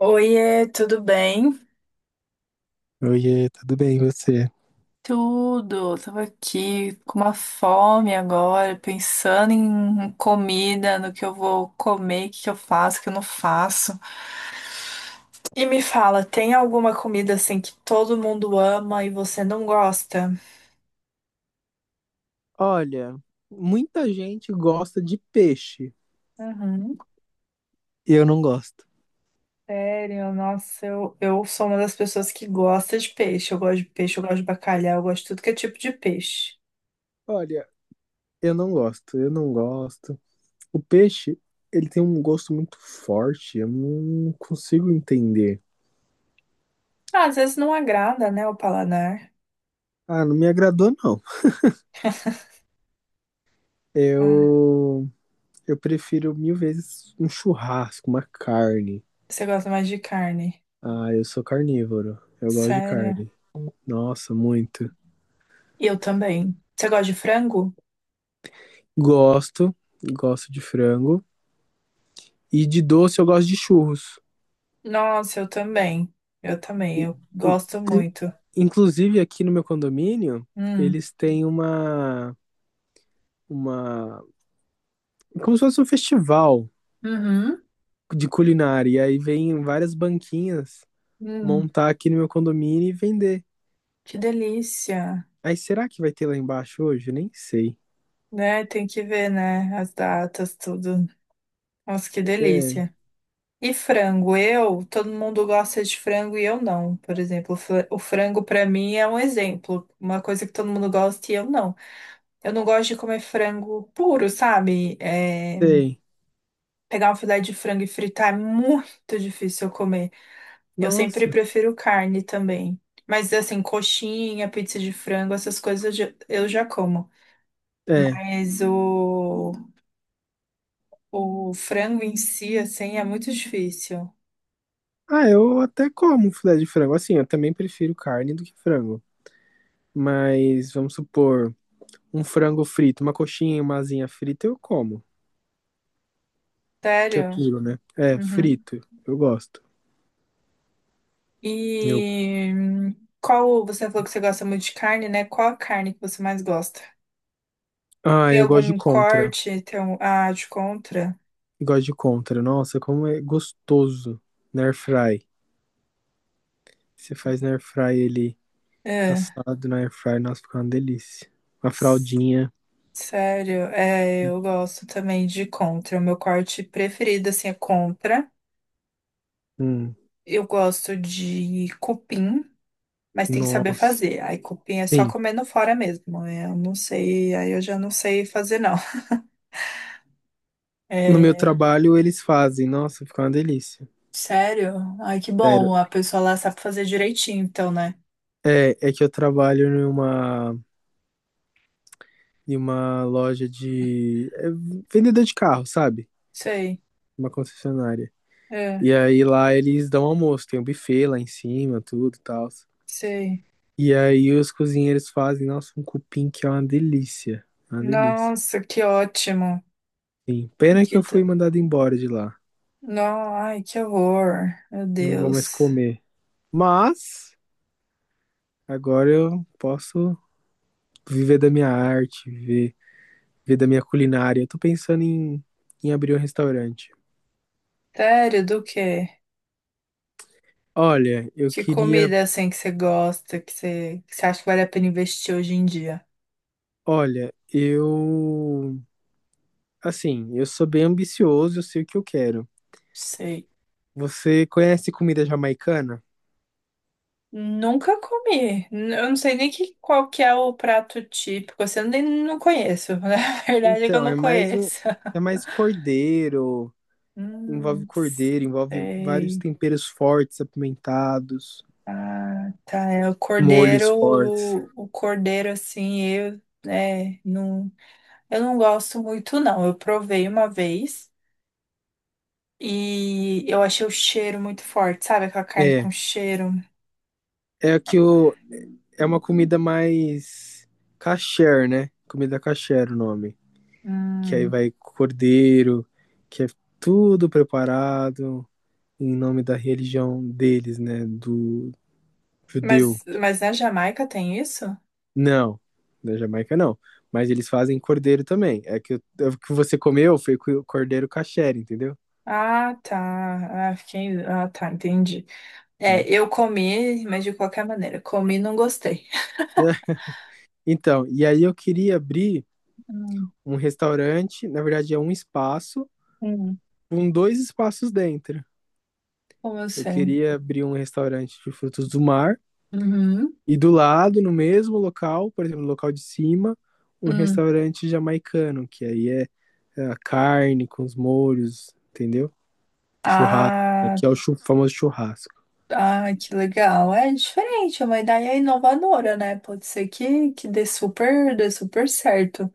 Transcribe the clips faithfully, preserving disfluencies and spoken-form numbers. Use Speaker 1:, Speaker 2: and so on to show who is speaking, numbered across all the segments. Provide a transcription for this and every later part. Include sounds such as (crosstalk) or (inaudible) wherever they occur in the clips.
Speaker 1: Oiê, tudo bem?
Speaker 2: Oiê, tudo bem e você?
Speaker 1: Tudo. Tava aqui com uma fome agora, pensando em comida, no que eu vou comer, o que que eu faço, o que eu não faço. E me fala, tem alguma comida assim que todo mundo ama e você não gosta?
Speaker 2: Olha, muita gente gosta de peixe.
Speaker 1: Uhum,
Speaker 2: Eu não gosto.
Speaker 1: sério, nossa, eu, eu sou uma das pessoas que gosta de peixe. Eu gosto de peixe, eu gosto de bacalhau, eu gosto de tudo que é tipo de peixe.
Speaker 2: Olha, eu não gosto, eu não gosto. O peixe, ele tem um gosto muito forte, eu não consigo entender.
Speaker 1: Ah, às vezes não agrada, né, o paladar.
Speaker 2: Ah, não me agradou, não.
Speaker 1: Ah,
Speaker 2: Eu, eu prefiro mil vezes um churrasco, uma carne.
Speaker 1: você gosta mais de carne.
Speaker 2: Ah, eu sou carnívoro, eu gosto de
Speaker 1: Sério.
Speaker 2: carne. Nossa, muito.
Speaker 1: Eu também. Você gosta de frango?
Speaker 2: Gosto, gosto de frango. E de doce eu gosto de churros.
Speaker 1: Nossa, eu também. Eu também.
Speaker 2: I-
Speaker 1: Eu
Speaker 2: in-
Speaker 1: gosto
Speaker 2: clu-
Speaker 1: muito.
Speaker 2: Inclusive aqui no meu condomínio,
Speaker 1: Hum.
Speaker 2: eles têm uma, uma, como se fosse um festival
Speaker 1: Uhum.
Speaker 2: de culinária. E aí vem várias banquinhas
Speaker 1: Hum.
Speaker 2: montar aqui no meu condomínio e vender.
Speaker 1: Que delícia.
Speaker 2: Aí será que vai ter lá embaixo hoje? Nem sei.
Speaker 1: Né? Tem que ver, né? As datas, tudo. Nossa, que
Speaker 2: É,
Speaker 1: delícia. E frango? Eu, todo mundo gosta de frango e eu não. Por exemplo, o fra- o frango pra mim é um exemplo. Uma coisa que todo mundo gosta e eu não. Eu não gosto de comer frango puro, sabe? É,
Speaker 2: sei.
Speaker 1: pegar um filé de frango e fritar é muito difícil eu comer. Eu sempre
Speaker 2: Nossa.
Speaker 1: prefiro carne também. Mas assim, coxinha, pizza de frango, essas coisas eu já eu já como.
Speaker 2: É.
Speaker 1: Mas o, o frango em si, assim, é muito difícil.
Speaker 2: Ah, eu até como filé de frango. Assim, eu também prefiro carne do que frango. Mas vamos supor, um frango frito, uma coxinha e uma asinha frita eu como. Que é
Speaker 1: Sério?
Speaker 2: puro, né? É,
Speaker 1: Uhum.
Speaker 2: frito. Eu gosto. Eu...
Speaker 1: E hum, qual, você falou que você gosta muito de carne, né? Qual a carne que você mais gosta?
Speaker 2: Ah,
Speaker 1: Tem
Speaker 2: eu gosto de
Speaker 1: algum
Speaker 2: contra.
Speaker 1: corte? Tem um, ah, de contra?
Speaker 2: Eu gosto de contra. Nossa, como é gostoso. Na air fry. Você faz na air fry ele
Speaker 1: É,
Speaker 2: assado na air fry. Nossa, fica uma delícia. Uma
Speaker 1: s-
Speaker 2: fraldinha.
Speaker 1: sério, é, eu gosto também de contra. O meu corte preferido, assim, é contra.
Speaker 2: Hum,
Speaker 1: Eu gosto de cupim, mas tem que saber
Speaker 2: nossa.
Speaker 1: fazer. Aí cupim é só
Speaker 2: Sim.
Speaker 1: comendo fora mesmo, né? Eu não sei, aí eu já não sei fazer não.
Speaker 2: No meu
Speaker 1: É,
Speaker 2: trabalho eles fazem. Nossa, fica uma delícia.
Speaker 1: sério? Ai, que
Speaker 2: Sério.
Speaker 1: bom, a pessoa lá sabe fazer direitinho, então, né?
Speaker 2: É, é que eu trabalho em uma, em uma loja de. É, vendedor de carro, sabe?
Speaker 1: Sei,
Speaker 2: Uma concessionária.
Speaker 1: é,
Speaker 2: E aí lá eles dão almoço, tem um buffet lá em cima, tudo e tal.
Speaker 1: sei.
Speaker 2: E aí os cozinheiros fazem, nossa, um cupim que é uma delícia. Uma delícia.
Speaker 1: Nossa, que ótimo.
Speaker 2: Sim, pena que eu fui
Speaker 1: Dita.
Speaker 2: mandado embora de lá.
Speaker 1: Não, ai, que horror. Meu
Speaker 2: Não vou mais
Speaker 1: Deus.
Speaker 2: comer. Mas agora eu posso viver da minha arte, viver, viver da minha culinária. Eu tô pensando em, em abrir um restaurante.
Speaker 1: Sério, do quê?
Speaker 2: Olha, eu
Speaker 1: Que
Speaker 2: queria.
Speaker 1: comida assim que você gosta, que você, que você acha que vale a pena investir hoje em dia?
Speaker 2: Olha, eu. Assim, eu sou bem ambicioso, eu sei o que eu quero.
Speaker 1: Sei.
Speaker 2: Você conhece comida jamaicana?
Speaker 1: Nunca comi. N- Eu não sei nem que, qual que é o prato típico. Assim, eu nem não conheço. (laughs) Na verdade é que eu
Speaker 2: Então, é
Speaker 1: não
Speaker 2: mais um,
Speaker 1: conheço. (laughs)
Speaker 2: é mais cordeiro, envolve
Speaker 1: Hum,
Speaker 2: cordeiro, envolve vários
Speaker 1: sei.
Speaker 2: temperos fortes, apimentados,
Speaker 1: Ah, tá. É o
Speaker 2: molhos
Speaker 1: cordeiro,
Speaker 2: fortes.
Speaker 1: o cordeiro, assim, eu, né, não, eu não gosto muito, não. Eu provei uma vez e eu achei o cheiro muito forte, sabe? Aquela carne com
Speaker 2: É,
Speaker 1: cheiro.
Speaker 2: é que o é uma comida mais kasher, né? Comida kasher o nome, que aí
Speaker 1: Hum.
Speaker 2: vai cordeiro, que é tudo preparado em nome da religião deles, né, do judeu.
Speaker 1: Mas, mas na Jamaica tem isso?
Speaker 2: Não, da Jamaica não. Mas eles fazem cordeiro também. É que, eu- é o que você comeu foi co- cordeiro kasher, entendeu?
Speaker 1: Ah, tá. Ah, fiquei... ah, tá, entendi. É,
Speaker 2: Entendeu?
Speaker 1: eu comi, mas de qualquer maneira, comi e não gostei.
Speaker 2: (laughs) É, então, e aí eu queria abrir
Speaker 1: Hum,
Speaker 2: um restaurante, na verdade é um espaço,
Speaker 1: hum,
Speaker 2: com dois espaços dentro.
Speaker 1: como eu
Speaker 2: Eu
Speaker 1: sei?
Speaker 2: queria abrir um restaurante de frutos do mar
Speaker 1: Uhum,
Speaker 2: e do lado, no mesmo local, por exemplo, no local de cima, um
Speaker 1: hum.
Speaker 2: restaurante jamaicano, que aí é, é a carne com os molhos, entendeu? Churrasco,
Speaker 1: Ah,
Speaker 2: que é o chu- famoso churrasco.
Speaker 1: ah, que legal. É diferente, é uma ideia inovadora, né? Pode ser que, que dê super, dê super certo.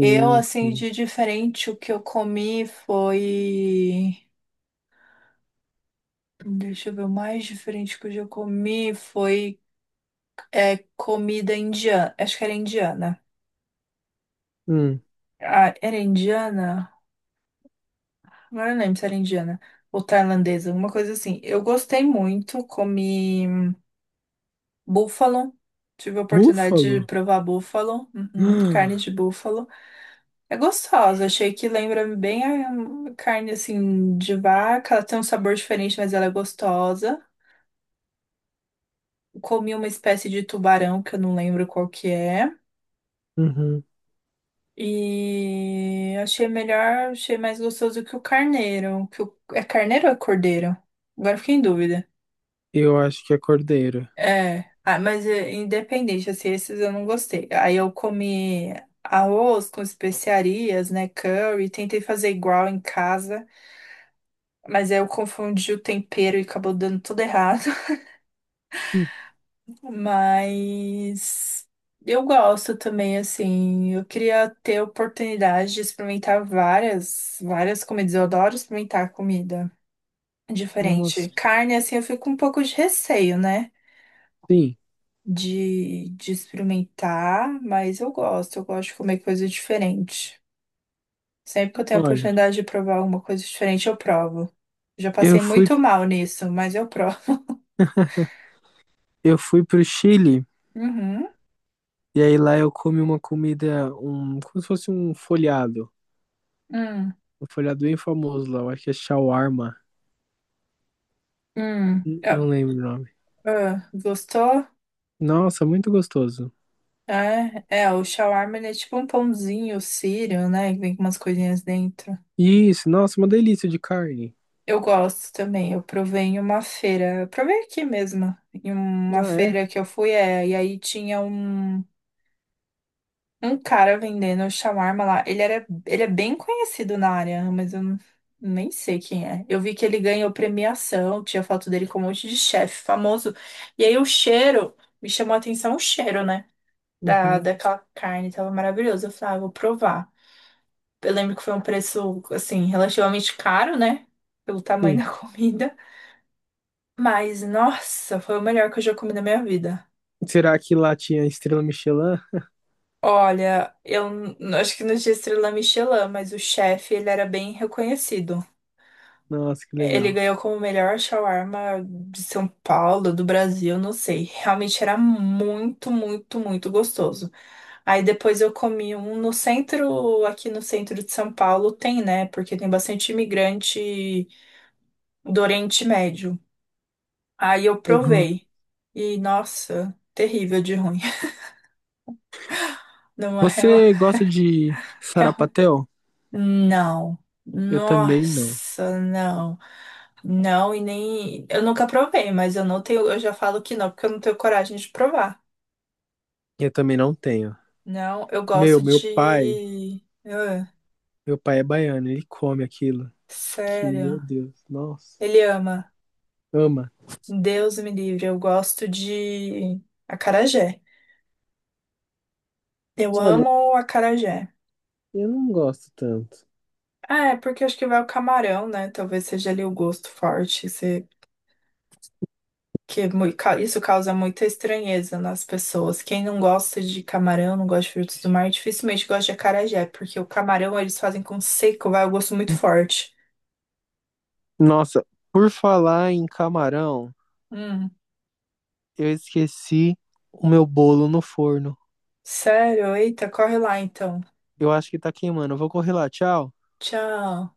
Speaker 1: Eu, assim,
Speaker 2: sim.
Speaker 1: de diferente, o que eu comi foi. Deixa eu ver, o mais diferente que eu já comi foi é, comida indiana. Acho que era indiana.
Speaker 2: Hum,
Speaker 1: Ah, era indiana? Agora eu não lembro se era indiana ou tailandesa, alguma coisa assim. Eu gostei muito, comi búfalo. Tive a oportunidade de
Speaker 2: búfalo? (gasps)
Speaker 1: provar búfalo, uhum, carne
Speaker 2: Ah,
Speaker 1: de búfalo. É gostosa, achei que lembra bem a carne assim de vaca. Ela tem um sabor diferente, mas ela é gostosa. Comi uma espécie de tubarão que eu não lembro qual que é.
Speaker 2: uhum,
Speaker 1: E achei melhor, achei mais gostoso que o carneiro. Que o... É carneiro ou é cordeiro? Agora eu fiquei em dúvida.
Speaker 2: eu acho que é cordeiro.
Speaker 1: É, ah, mas é, independente, assim, esses eu não gostei. Aí eu comi arroz com especiarias, né, curry, tentei fazer igual em casa, mas aí eu confundi o tempero e acabou dando tudo errado. (laughs)
Speaker 2: Hum,
Speaker 1: Mas eu gosto também, assim. Eu queria ter oportunidade de experimentar várias, várias comidas. Eu adoro experimentar comida diferente.
Speaker 2: nossa,
Speaker 1: Carne, assim, eu fico com um pouco de receio, né?
Speaker 2: sim.
Speaker 1: De, de experimentar, mas eu gosto. Eu gosto de comer coisa diferente. Sempre que eu tenho a
Speaker 2: Olha,
Speaker 1: oportunidade de provar alguma coisa diferente, eu provo. Já
Speaker 2: eu
Speaker 1: passei
Speaker 2: fui,
Speaker 1: muito mal nisso, mas eu provo. (laughs)
Speaker 2: eu fui pro Chile
Speaker 1: Uhum.
Speaker 2: e aí lá eu comi uma comida, um, como se fosse um folhado.
Speaker 1: Hum.
Speaker 2: Um folhado bem famoso lá, eu acho que é shawarma.
Speaker 1: Hum.
Speaker 2: N-
Speaker 1: Ah,
Speaker 2: Não lembro o nome.
Speaker 1: ah, gostou?
Speaker 2: Nossa, muito gostoso.
Speaker 1: É, é, o shawarma ele é tipo um pãozinho sírio, né? Que vem com umas coisinhas dentro.
Speaker 2: Isso, nossa, uma delícia de carne.
Speaker 1: Eu gosto também, eu provei em uma feira, eu provei aqui mesmo, em uma
Speaker 2: Ah, é?
Speaker 1: feira que eu fui, é, e aí tinha um, um cara vendendo shawarma lá. Ele era, ele é bem conhecido na área, mas eu não- nem sei quem é. Eu vi que ele ganhou premiação, tinha foto dele com um monte de chefe famoso. E aí o cheiro, me chamou a atenção o cheiro, né? Da,
Speaker 2: Uhum,
Speaker 1: daquela carne, tava maravilhoso. Eu falei, ah, eu vou provar. Eu lembro que foi um preço, assim, relativamente caro, né? Pelo tamanho
Speaker 2: sim.
Speaker 1: da (laughs) comida. Mas, nossa, foi o melhor que eu já comi na minha vida.
Speaker 2: Será que lá tinha estrela Michelin?
Speaker 1: Olha, eu n- acho que não tinha estrela Michelin, mas o chefe, ele era bem reconhecido.
Speaker 2: Nossa, que
Speaker 1: Ele
Speaker 2: legal.
Speaker 1: ganhou como o melhor shawarma de São Paulo, do Brasil, não sei. Realmente era muito, muito, muito gostoso. Aí depois eu comi um no centro, aqui no centro de São Paulo tem, né? Porque tem bastante imigrante do Oriente Médio. Aí eu
Speaker 2: Uhum.
Speaker 1: provei. E, nossa, terrível de ruim. (laughs) Não, é real,
Speaker 2: Você gosta de
Speaker 1: real.
Speaker 2: sarapatel?
Speaker 1: Não.
Speaker 2: Eu também não.
Speaker 1: Nossa, não. Não, e nem. Eu nunca provei, mas eu não tenho. Eu já falo que não, porque eu não tenho coragem de provar.
Speaker 2: Eu também não tenho.
Speaker 1: Não, eu
Speaker 2: Meu,
Speaker 1: gosto
Speaker 2: meu pai,
Speaker 1: de. Ah,
Speaker 2: meu pai é baiano, ele come aquilo. Que,
Speaker 1: sério.
Speaker 2: meu Deus, nossa,
Speaker 1: Ele ama.
Speaker 2: ama.
Speaker 1: Deus me livre. Eu gosto de acarajé. Eu
Speaker 2: Olha,
Speaker 1: amo acarajé.
Speaker 2: eu não gosto tanto.
Speaker 1: Ah, é porque acho que vai o camarão, né? Talvez seja ali o gosto forte. Você que é mui- ca- isso causa muita estranheza nas pessoas. Quem não gosta de camarão, não gosta de frutos do mar, dificilmente gosta de acarajé, porque o camarão eles fazem com seco, vai o gosto muito forte.
Speaker 2: Nossa, por falar em camarão,
Speaker 1: Hum,
Speaker 2: eu esqueci o meu bolo no forno.
Speaker 1: sério? Eita, corre lá então.
Speaker 2: Eu acho que tá queimando. Eu vou correr lá, tchau.
Speaker 1: Tchau.